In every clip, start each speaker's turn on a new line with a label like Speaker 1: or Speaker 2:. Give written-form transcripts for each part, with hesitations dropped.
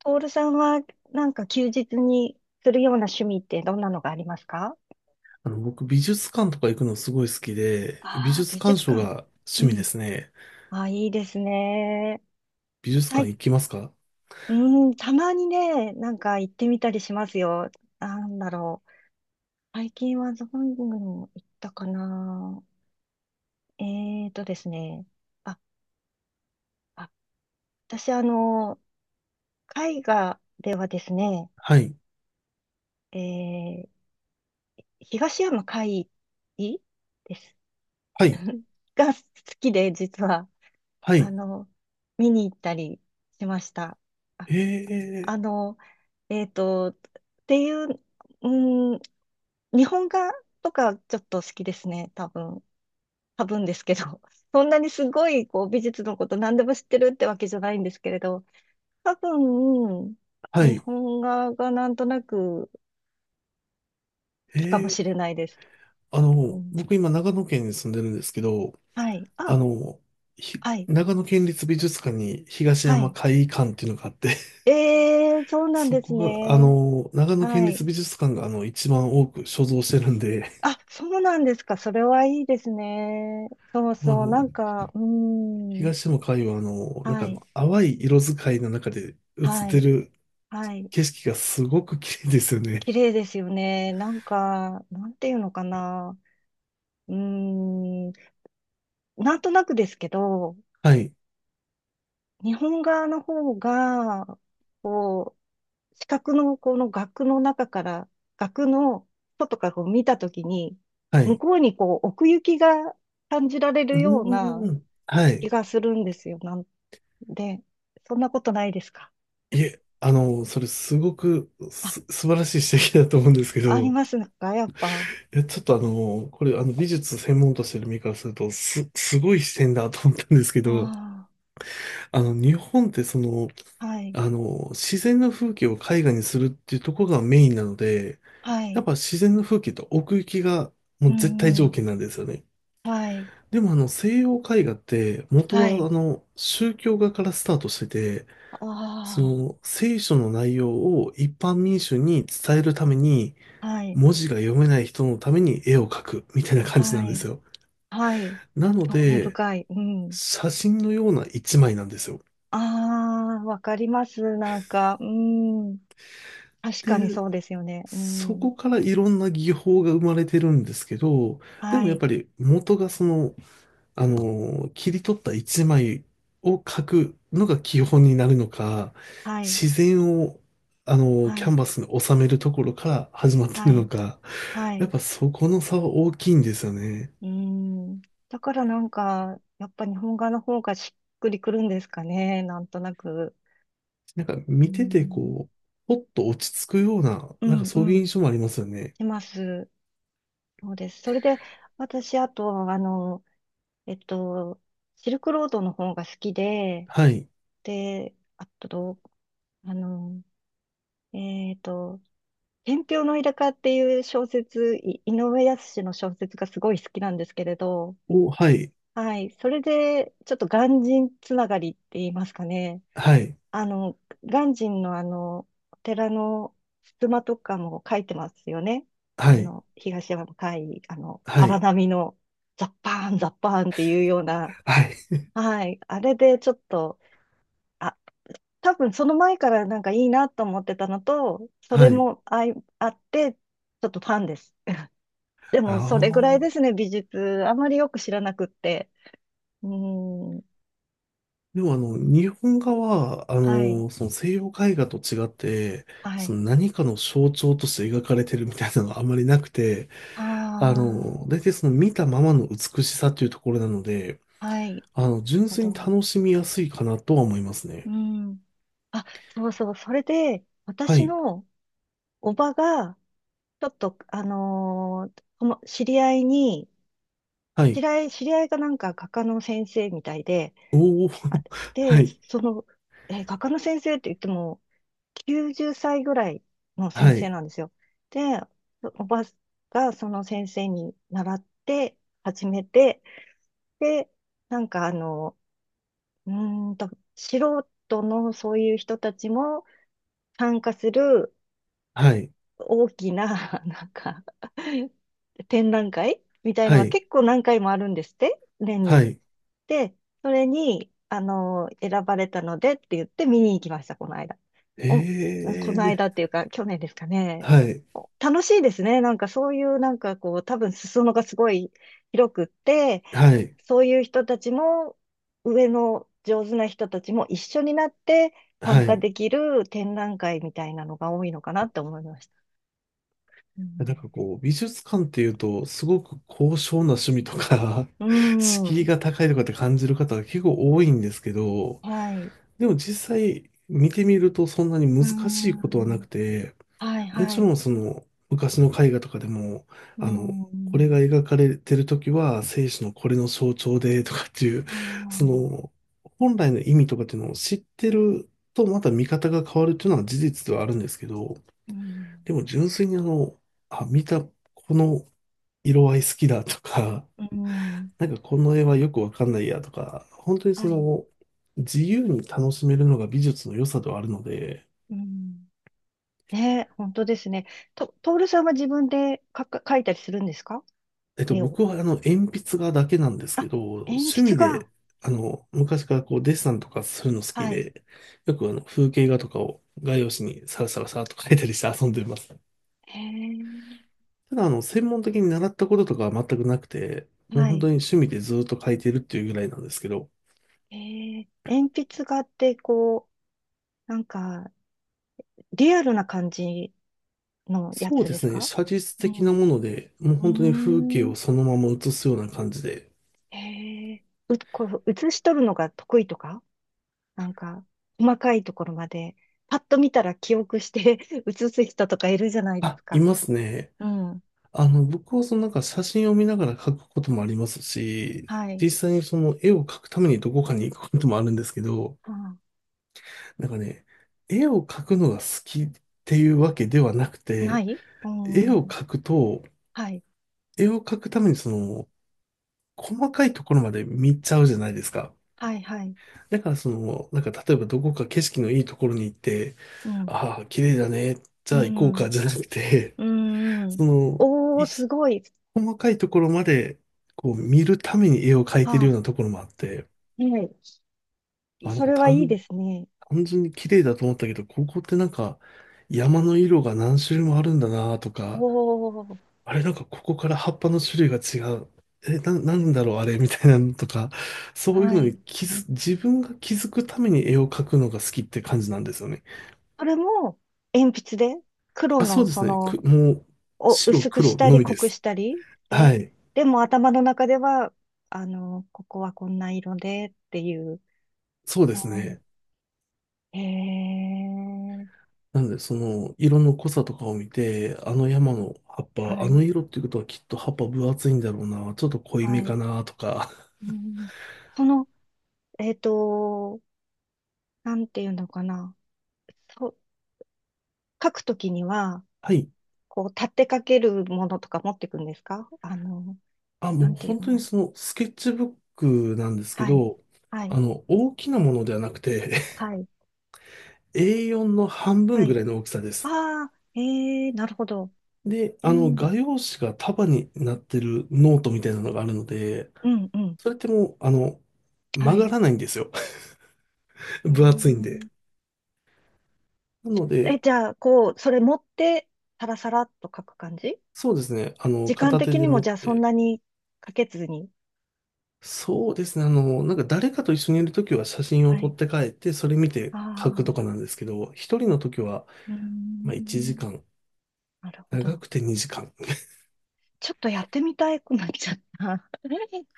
Speaker 1: トールさんは休日にするような趣味ってどんなのがありますか？
Speaker 2: あの、僕、美術館とか行くのすごい好きで、美
Speaker 1: ああー、
Speaker 2: 術
Speaker 1: 美
Speaker 2: 鑑
Speaker 1: 術
Speaker 2: 賞
Speaker 1: 館。
Speaker 2: が
Speaker 1: う
Speaker 2: 趣味で
Speaker 1: ん。
Speaker 2: すね。
Speaker 1: ああ、いいですね。
Speaker 2: 美術
Speaker 1: は
Speaker 2: 館
Speaker 1: い。
Speaker 2: 行きますか？
Speaker 1: うん、たまにね、行ってみたりしますよ。なんだろう。最近はどングにも行ったかな。えーとですね。あ、あ、私絵画ではですね、
Speaker 2: はい。
Speaker 1: えー、東山魁夷です。
Speaker 2: はい。
Speaker 1: が好きで、実は。
Speaker 2: は
Speaker 1: あ
Speaker 2: い。
Speaker 1: の、見に行ったりしました。あ、
Speaker 2: え
Speaker 1: あ
Speaker 2: え、
Speaker 1: の、えっと、っていう、うん、日本画とかちょっと好きですね、多分。多分ですけど、そんなにすごいこう美術のこと何でも知ってるってわけじゃないんですけれど、多分、
Speaker 2: は
Speaker 1: 日
Speaker 2: い。
Speaker 1: 本画がなんとなく好
Speaker 2: え
Speaker 1: きかも
Speaker 2: え、
Speaker 1: しれないです。
Speaker 2: あ
Speaker 1: う
Speaker 2: の、
Speaker 1: ん、
Speaker 2: 僕今長野県に住んでるんですけど、
Speaker 1: はい。
Speaker 2: あ
Speaker 1: あ、
Speaker 2: の、ひ
Speaker 1: はい。
Speaker 2: 長野県立美術館に東
Speaker 1: は
Speaker 2: 山
Speaker 1: い。
Speaker 2: 会館っていうのがあって、
Speaker 1: ええ、そうなん
Speaker 2: そ
Speaker 1: です
Speaker 2: こが、あ
Speaker 1: ね。
Speaker 2: の、長野県
Speaker 1: は
Speaker 2: 立
Speaker 1: い。
Speaker 2: 美術館が、あの、一番多く所蔵してるんで、
Speaker 1: あ、そうなんですか。それはいいですね。そう
Speaker 2: まああ
Speaker 1: そう。
Speaker 2: の、東山海は、あの、なん
Speaker 1: は
Speaker 2: かあ
Speaker 1: い。
Speaker 2: の、淡い色使いの中で映っ
Speaker 1: は
Speaker 2: て
Speaker 1: い。
Speaker 2: る
Speaker 1: はい。
Speaker 2: 景色がすごく綺麗ですよね。
Speaker 1: 綺麗ですよね。なんか、なんていうのかな。うーん。なんとなくですけど、
Speaker 2: はい、
Speaker 1: 日本側の方が、こう、四角のこの額の中から、額の外からこう見たときに、
Speaker 2: は
Speaker 1: 向
Speaker 2: い。
Speaker 1: こうにこう奥行きが感じられ
Speaker 2: う
Speaker 1: るような
Speaker 2: ーん、は
Speaker 1: 気
Speaker 2: い。
Speaker 1: がするんですよ。なんで、そんなことないですか？
Speaker 2: いえ、あの、それすごく
Speaker 1: あ、
Speaker 2: 素晴らしい指摘だと思うんですけ
Speaker 1: あり
Speaker 2: ど、
Speaker 1: ますか、やっぱ。
Speaker 2: いや、ちょっとあの、これ、あの、美術専門としてる身からすると、すごい視点だと思ったんですけど、
Speaker 1: あ
Speaker 2: あの、日本ってその、
Speaker 1: あ、はい、
Speaker 2: あの、自然の風景を絵画にするっていうところがメインなので、
Speaker 1: は
Speaker 2: やっ
Speaker 1: い、
Speaker 2: ぱ自然の風景と奥行きが
Speaker 1: う
Speaker 2: もう絶対
Speaker 1: んう
Speaker 2: 条
Speaker 1: ん、
Speaker 2: 件なんですよね。
Speaker 1: はい、
Speaker 2: でもあの、西洋絵画って元
Speaker 1: は
Speaker 2: は
Speaker 1: い、
Speaker 2: あの、宗教画からスタートしてて、そ
Speaker 1: あ
Speaker 2: の聖書の内容を一般民衆に伝えるために、
Speaker 1: あ、はい、
Speaker 2: 文字が読めない人のために絵を描くみたいな感じな
Speaker 1: は
Speaker 2: んで
Speaker 1: い、
Speaker 2: すよ。
Speaker 1: はい、
Speaker 2: なの
Speaker 1: 興味
Speaker 2: で、
Speaker 1: 深い、うん。
Speaker 2: 写真のような一枚なんですよ。
Speaker 1: ああ、わかります、なんか、うん、確かに
Speaker 2: で、
Speaker 1: そうですよね、う
Speaker 2: そ
Speaker 1: ん、
Speaker 2: こからいろんな技法が生まれてるんですけど、で
Speaker 1: は
Speaker 2: もやっ
Speaker 1: い、
Speaker 2: ぱり元がその、あの、切り取った一枚を描くのが基本になるのか、
Speaker 1: はい、
Speaker 2: 自然を、あの、
Speaker 1: は
Speaker 2: キャン
Speaker 1: い、
Speaker 2: バスに収めるところから始まって
Speaker 1: は
Speaker 2: るの
Speaker 1: い、
Speaker 2: か、
Speaker 1: は
Speaker 2: やっ
Speaker 1: い、
Speaker 2: ぱそこの差は大きいんですよね。
Speaker 1: うん。だからなんか、やっぱ日本画の方がしっくりくるんですかね、なんとなく。
Speaker 2: なんか
Speaker 1: う
Speaker 2: 見てて
Speaker 1: ん、
Speaker 2: こう、ほっと落ち着くような、
Speaker 1: う
Speaker 2: なんか
Speaker 1: ん、う
Speaker 2: そういう
Speaker 1: ん。
Speaker 2: 印象もありますよね。
Speaker 1: てます。そうです。それで、私、あと、えっと、シルクロードの方が好きで、
Speaker 2: はい。
Speaker 1: で、あと、あの、えっと、天平のイルカっていう小説、い井上靖の小説がすごい好きなんですけれど、
Speaker 2: お、はい。
Speaker 1: はい、それで、ちょっと鑑真つながりって言いますかね。
Speaker 2: はい。
Speaker 1: あの、鑑真のあの、お寺の襖とかも書いてますよね。
Speaker 2: は
Speaker 1: あ
Speaker 2: い。
Speaker 1: の、東山向、あの、
Speaker 2: は
Speaker 1: 荒
Speaker 2: い。
Speaker 1: 波のザッパーン、ザッパーンっていうような、
Speaker 2: はい。
Speaker 1: はい、あれでちょっと、あ、多分その前からなんかいいなと思ってたのと、それ
Speaker 2: はい。
Speaker 1: もあい、あって、ちょっとファンです。で
Speaker 2: あ
Speaker 1: も、それぐらいです
Speaker 2: あ。
Speaker 1: ね、美術。あまりよく知らなくって。うーん、
Speaker 2: でもあの、日本画は、あ
Speaker 1: はい、
Speaker 2: の、その西洋絵画と違って、
Speaker 1: は
Speaker 2: そ
Speaker 1: い。
Speaker 2: の何かの象徴として描かれてるみたいなのがあんまりなくて、
Speaker 1: あ
Speaker 2: あの、大体その見たままの美しさというところなので、
Speaker 1: あ、はい。
Speaker 2: あの、純
Speaker 1: なる
Speaker 2: 粋に
Speaker 1: ほど。
Speaker 2: 楽しみやすいかなとは思います
Speaker 1: う
Speaker 2: ね。
Speaker 1: ん。あ、そうそう。それで、
Speaker 2: は
Speaker 1: 私
Speaker 2: い、
Speaker 1: のおばが、ちょっと、あのーとも知り合いに、
Speaker 2: は
Speaker 1: 知
Speaker 2: い、
Speaker 1: り合い、知り合いがなんか画家の先生みたいで、
Speaker 2: おお
Speaker 1: あ、
Speaker 2: は
Speaker 1: で、
Speaker 2: い、
Speaker 1: その、画家の先生って言っても、90歳ぐらいの
Speaker 2: は
Speaker 1: 先生
Speaker 2: い、
Speaker 1: なんですよ。で、おばがその先生に習って、始めて、で、なんかあの、うーんと、素人のそういう人たちも参加する、
Speaker 2: はい、
Speaker 1: 大きな、なんか、展覧会みたいの
Speaker 2: は
Speaker 1: が
Speaker 2: い、
Speaker 1: 結構何回もあるんですって、年
Speaker 2: は
Speaker 1: に。
Speaker 2: い、
Speaker 1: で、それに、あの、選ばれたのでって言って見に行きました、この間。お、こ
Speaker 2: ええー、
Speaker 1: の
Speaker 2: ね
Speaker 1: 間っていうか、去年ですかね。
Speaker 2: はい、
Speaker 1: お楽しいですね。なんかそういう、なんかこう、多分裾野がすごい広くって、
Speaker 2: はい、
Speaker 1: そういう人たちも、上の上手な人たちも一緒になって
Speaker 2: は
Speaker 1: 参加
Speaker 2: い。
Speaker 1: できる展覧会みたいなのが多いのかなって思いました。うん。
Speaker 2: なんかこう、美術館っていうと、すごく高尚な趣味とか
Speaker 1: う ー
Speaker 2: 敷居
Speaker 1: ん。
Speaker 2: が高いとかって感じる方が結構多いんですけど、
Speaker 1: はい。
Speaker 2: でも実際見てみるとそんなに
Speaker 1: う
Speaker 2: 難
Speaker 1: ー
Speaker 2: しいことはな
Speaker 1: ん。
Speaker 2: くて、
Speaker 1: はい、
Speaker 2: も
Speaker 1: は
Speaker 2: ちろ
Speaker 1: い。
Speaker 2: んその昔の絵画とかでも、
Speaker 1: うー
Speaker 2: あの、これが
Speaker 1: ん。
Speaker 2: 描かれてる時は生死のこれの象徴でとかっていう、
Speaker 1: あ
Speaker 2: そ
Speaker 1: あ、
Speaker 2: の本来の意味とかっていうのを知ってるとまた見方が変わるっていうのは事実ではあるんですけど、
Speaker 1: うん。
Speaker 2: でも純粋にあの、あ、見た、この色合い好きだとか、
Speaker 1: うーん。
Speaker 2: なんかこの絵はよくわかんないやとか、本当に
Speaker 1: は
Speaker 2: そ
Speaker 1: い。
Speaker 2: の、自由に楽しめるのが美術の良さではあるので、
Speaker 1: うん。ね、本当ですね。と、トールさんは自分でかか、描いたりするんですか？絵を。
Speaker 2: 僕はあの、鉛筆画だけなんですけ
Speaker 1: あ、
Speaker 2: ど、
Speaker 1: 鉛
Speaker 2: 趣
Speaker 1: 筆
Speaker 2: 味
Speaker 1: が。
Speaker 2: で、あの、昔からこう、デッサンとかするの好き
Speaker 1: はい。
Speaker 2: で、よくあの、風景画とかを画用紙にサラサラサラっと描いたりして遊んでます。
Speaker 1: へえ。
Speaker 2: ただあの、専門的に習ったこととかは全くなくて、もう
Speaker 1: は
Speaker 2: 本当
Speaker 1: い。
Speaker 2: に趣味でずっと描いてるっていうぐらいなんですけど、
Speaker 1: へえ。鉛筆画って、こう、なんか、リアルな感じのや
Speaker 2: そう
Speaker 1: つ
Speaker 2: で
Speaker 1: です
Speaker 2: すね。
Speaker 1: か？
Speaker 2: 写実
Speaker 1: う
Speaker 2: 的なも
Speaker 1: ん。
Speaker 2: ので、もう
Speaker 1: う
Speaker 2: 本当に風景
Speaker 1: ー
Speaker 2: を
Speaker 1: ん。
Speaker 2: そのまま写すような感じで。
Speaker 1: へえ、う、こう、写し取るのが得意とか、なんか、細かいところまで、パッと見たら記憶して 写す人とかいるじゃないで
Speaker 2: あ、
Speaker 1: す
Speaker 2: い
Speaker 1: か。
Speaker 2: ますね。
Speaker 1: うん。
Speaker 2: あの、僕はそのなんか写真を見ながら描くこともありますし、
Speaker 1: はい。
Speaker 2: 実際にその絵を描くためにどこかに行くこともあるんですけど、
Speaker 1: は
Speaker 2: なんかね、絵を描くのが好きっていうわけではなく
Speaker 1: あ、な
Speaker 2: て、
Speaker 1: いう
Speaker 2: 絵を
Speaker 1: ん。
Speaker 2: 描くと、
Speaker 1: はい。
Speaker 2: 絵を描くためにその、細かいところまで見ちゃうじゃないですか。
Speaker 1: はい、はい。
Speaker 2: だからその、なんか例えばどこか景色のいいところに行って、
Speaker 1: うん。
Speaker 2: ああ、綺麗だね、じ
Speaker 1: う
Speaker 2: ゃあ行こうか、
Speaker 1: ん。
Speaker 2: じゃなくて、
Speaker 1: うん。う
Speaker 2: そ
Speaker 1: ん。
Speaker 2: の、
Speaker 1: おー、すごい。
Speaker 2: 細かいところまで、こう見るために絵を描い
Speaker 1: は
Speaker 2: てるよう
Speaker 1: あ、
Speaker 2: なところもあって、
Speaker 1: はい。
Speaker 2: あ、なん
Speaker 1: そ
Speaker 2: か
Speaker 1: れはいいですね。
Speaker 2: 単純に綺麗だと思ったけど、ここってなんか山の色が何種類もあるんだなと
Speaker 1: お
Speaker 2: か、
Speaker 1: ー、
Speaker 2: あれなんかここから葉っぱの種類が違う。え、なんだろうあれみたいなのとか、そういう
Speaker 1: は
Speaker 2: の
Speaker 1: い。
Speaker 2: に自分が気づくために絵を描くのが好きって感じなんですよね。
Speaker 1: それも、鉛筆で、黒
Speaker 2: あ、そ
Speaker 1: の
Speaker 2: うで
Speaker 1: そ
Speaker 2: すね。
Speaker 1: の、
Speaker 2: もう、
Speaker 1: を
Speaker 2: 白
Speaker 1: 薄くし
Speaker 2: 黒
Speaker 1: た
Speaker 2: の
Speaker 1: り
Speaker 2: み
Speaker 1: 濃
Speaker 2: で
Speaker 1: く
Speaker 2: す。
Speaker 1: したり
Speaker 2: は
Speaker 1: で、
Speaker 2: い。
Speaker 1: でも頭の中では、あの、ここはこんな色でっていう。
Speaker 2: そうで
Speaker 1: あ
Speaker 2: すね。
Speaker 1: ーへえ、
Speaker 2: なので、その、色の濃さとかを見て、あの山の葉っぱ、
Speaker 1: は
Speaker 2: あ
Speaker 1: い、
Speaker 2: の色っていうことはきっと葉っぱ分厚いんだろうな、ちょっと濃い
Speaker 1: は
Speaker 2: め
Speaker 1: い。
Speaker 2: かな、とか。
Speaker 1: うん、その、えっと、なんていうのかな。そう、書くときには、
Speaker 2: はい。
Speaker 1: こう、立てかけるものとか持ってくんですか、あの、
Speaker 2: あ、
Speaker 1: な
Speaker 2: もう
Speaker 1: んてい
Speaker 2: 本
Speaker 1: うの
Speaker 2: 当
Speaker 1: があ
Speaker 2: に
Speaker 1: り。
Speaker 2: その、スケッチブックなんですけ
Speaker 1: はい、
Speaker 2: ど、
Speaker 1: はい、
Speaker 2: あの、大きなものではなくて
Speaker 1: はい、
Speaker 2: A4 の半
Speaker 1: は
Speaker 2: 分ぐ
Speaker 1: い。
Speaker 2: らいの大きさです。
Speaker 1: ああ、ええ、なるほど。
Speaker 2: で、
Speaker 1: う
Speaker 2: あの、
Speaker 1: ん、
Speaker 2: 画用紙が束になってるノートみたいなのがあるので、
Speaker 1: うん、うん。
Speaker 2: それってもう、あの、
Speaker 1: は
Speaker 2: 曲が
Speaker 1: い。
Speaker 2: らないんですよ。
Speaker 1: うー
Speaker 2: 分厚いんで。
Speaker 1: ん。
Speaker 2: なの
Speaker 1: え、
Speaker 2: で、
Speaker 1: じゃあ、こう、それ持って、サラサラっと書く感じ？
Speaker 2: そうですね。あの、
Speaker 1: 時間
Speaker 2: 片手
Speaker 1: 的
Speaker 2: で
Speaker 1: に
Speaker 2: 持
Speaker 1: も、
Speaker 2: っ
Speaker 1: じゃあ、そん
Speaker 2: て。
Speaker 1: なにかけずに。
Speaker 2: そうですね。あの、なんか誰かと一緒にいるときは写真を
Speaker 1: は
Speaker 2: 撮
Speaker 1: い。
Speaker 2: って帰って、それ見て
Speaker 1: あ
Speaker 2: 書くと
Speaker 1: あ、
Speaker 2: かなんですけど、一人のときは、
Speaker 1: うー
Speaker 2: まあ1
Speaker 1: ん。
Speaker 2: 時間、
Speaker 1: なるほ
Speaker 2: 長
Speaker 1: ど。
Speaker 2: くて2時間。
Speaker 1: ちょっとやってみたくなっちゃった。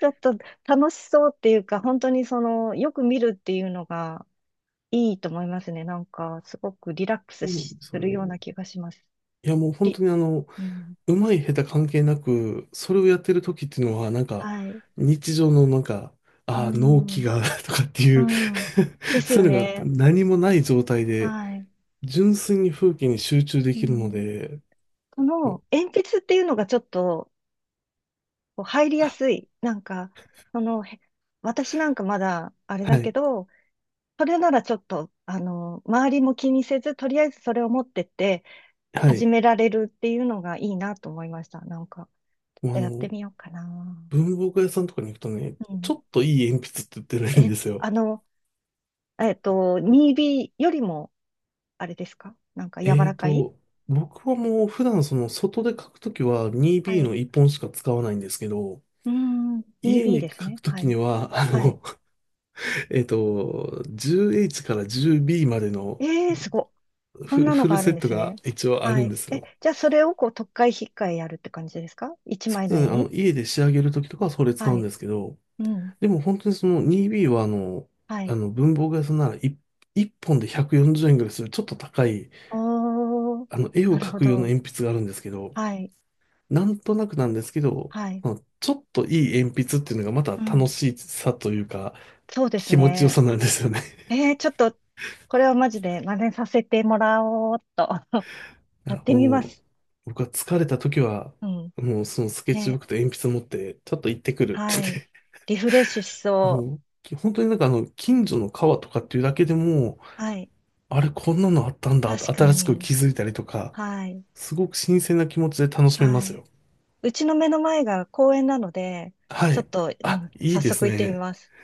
Speaker 1: ちょっと楽しそうっていうか、本当にその、よく見るっていうのがいいと思いますね。なんか、すごくリラックス
Speaker 2: そうなんで
Speaker 1: し
Speaker 2: す
Speaker 1: す
Speaker 2: よ
Speaker 1: るよう
Speaker 2: ね。
Speaker 1: な気がします。
Speaker 2: いや、もう本
Speaker 1: り、
Speaker 2: 当にあの、
Speaker 1: うん。
Speaker 2: うまい下手関係なく、それをやってるときっていうのは、なんか、
Speaker 1: はい。
Speaker 2: 日常のなんか、
Speaker 1: う
Speaker 2: ああ、納期
Speaker 1: ん。
Speaker 2: が とかってい
Speaker 1: う
Speaker 2: う
Speaker 1: ん。で す
Speaker 2: そう
Speaker 1: よ
Speaker 2: いうのが
Speaker 1: ね。
Speaker 2: 何もない状態で、
Speaker 1: はい。
Speaker 2: 純粋に風景に集中で
Speaker 1: う
Speaker 2: きるの
Speaker 1: ん。
Speaker 2: で、
Speaker 1: そ
Speaker 2: も
Speaker 1: の鉛筆っていうのがちょっとこう入り
Speaker 2: あ
Speaker 1: やすい。なんか、その、へ、私なんかまだあれ
Speaker 2: は
Speaker 1: だけ
Speaker 2: い。
Speaker 1: ど、それならちょっと、あの、周りも気にせず、とりあえずそれを持ってって
Speaker 2: は
Speaker 1: 始
Speaker 2: い。
Speaker 1: められるっていうのがいいなと思いました。なんか、ちょっ
Speaker 2: もう
Speaker 1: と
Speaker 2: あ
Speaker 1: やって
Speaker 2: の、
Speaker 1: みようかな。
Speaker 2: 文房具屋さんとかに行くとね、
Speaker 1: う
Speaker 2: ちょ
Speaker 1: ん。
Speaker 2: っといい鉛筆って売ってるん
Speaker 1: え、
Speaker 2: ですよ。
Speaker 1: にビーよりも、あれですかなんか柔
Speaker 2: え
Speaker 1: ら
Speaker 2: ー
Speaker 1: かい。
Speaker 2: と、僕はもう普段その外で書くときは
Speaker 1: は
Speaker 2: 2B
Speaker 1: い。
Speaker 2: の1本しか使わないんですけど、
Speaker 1: うーん、
Speaker 2: 家
Speaker 1: 2
Speaker 2: に
Speaker 1: です
Speaker 2: 書
Speaker 1: ね。
Speaker 2: くと
Speaker 1: は
Speaker 2: きに
Speaker 1: い。
Speaker 2: は、あ
Speaker 1: はい。
Speaker 2: の、10H から 10B までの
Speaker 1: えー、すごっ。そんなの
Speaker 2: フル
Speaker 1: があ
Speaker 2: セ
Speaker 1: るん
Speaker 2: ッ
Speaker 1: で
Speaker 2: ト
Speaker 1: す
Speaker 2: が
Speaker 1: ね。
Speaker 2: 一応あ
Speaker 1: は
Speaker 2: るん
Speaker 1: い。
Speaker 2: です
Speaker 1: え、
Speaker 2: よ。
Speaker 1: じゃあそれをこう、とっかえひっかえやるって感じですか？一
Speaker 2: そう
Speaker 1: 枚
Speaker 2: で
Speaker 1: の
Speaker 2: すね、
Speaker 1: 絵
Speaker 2: あの、
Speaker 1: に。
Speaker 2: 家で仕上げるときとかはそれ使
Speaker 1: は
Speaker 2: うん
Speaker 1: い。
Speaker 2: ですけど、
Speaker 1: うん。
Speaker 2: でも本当にその 2B はあの、
Speaker 1: は
Speaker 2: あ
Speaker 1: い。
Speaker 2: の文房具屋さんなら1、一本で140円ぐらいするちょっと高い、
Speaker 1: おー。
Speaker 2: あの絵
Speaker 1: な
Speaker 2: を
Speaker 1: る
Speaker 2: 描
Speaker 1: ほ
Speaker 2: く用の
Speaker 1: ど。
Speaker 2: 鉛筆があるんですけど、
Speaker 1: はい。
Speaker 2: なんとなくなんですけど、
Speaker 1: はい。
Speaker 2: まあちょっといい鉛筆っていうのがまた
Speaker 1: う
Speaker 2: 楽
Speaker 1: ん。
Speaker 2: しさというか、
Speaker 1: そうです
Speaker 2: 気持ちよ
Speaker 1: ね。
Speaker 2: さなんですよね。
Speaker 1: えー、ちょっと、これはマジで真似させてもらおうっと。
Speaker 2: い
Speaker 1: やっ
Speaker 2: や
Speaker 1: てみま
Speaker 2: も
Speaker 1: す。
Speaker 2: う、僕は疲れた時は、
Speaker 1: うん。
Speaker 2: もうそのスケッチブ
Speaker 1: ね。
Speaker 2: ックと鉛筆持って、ちょっと行ってくるって言
Speaker 1: は
Speaker 2: っ
Speaker 1: い。
Speaker 2: て、
Speaker 1: リフレッシュし そ
Speaker 2: もう、本当になんかあの、近所の川とかっていうだけでも、
Speaker 1: う。はい。
Speaker 2: あれこんなのあったんだって
Speaker 1: 確か
Speaker 2: 新しく
Speaker 1: に。
Speaker 2: 気づいたりとか、
Speaker 1: はい。
Speaker 2: すごく新鮮な気持ちで楽しめま
Speaker 1: は
Speaker 2: す
Speaker 1: い。
Speaker 2: よ。
Speaker 1: うちの目の前が公園なので、
Speaker 2: は
Speaker 1: ちょっ
Speaker 2: い。
Speaker 1: と、う
Speaker 2: あ、
Speaker 1: ん、
Speaker 2: い
Speaker 1: 早
Speaker 2: いです
Speaker 1: 速行ってみ
Speaker 2: ね。
Speaker 1: ます。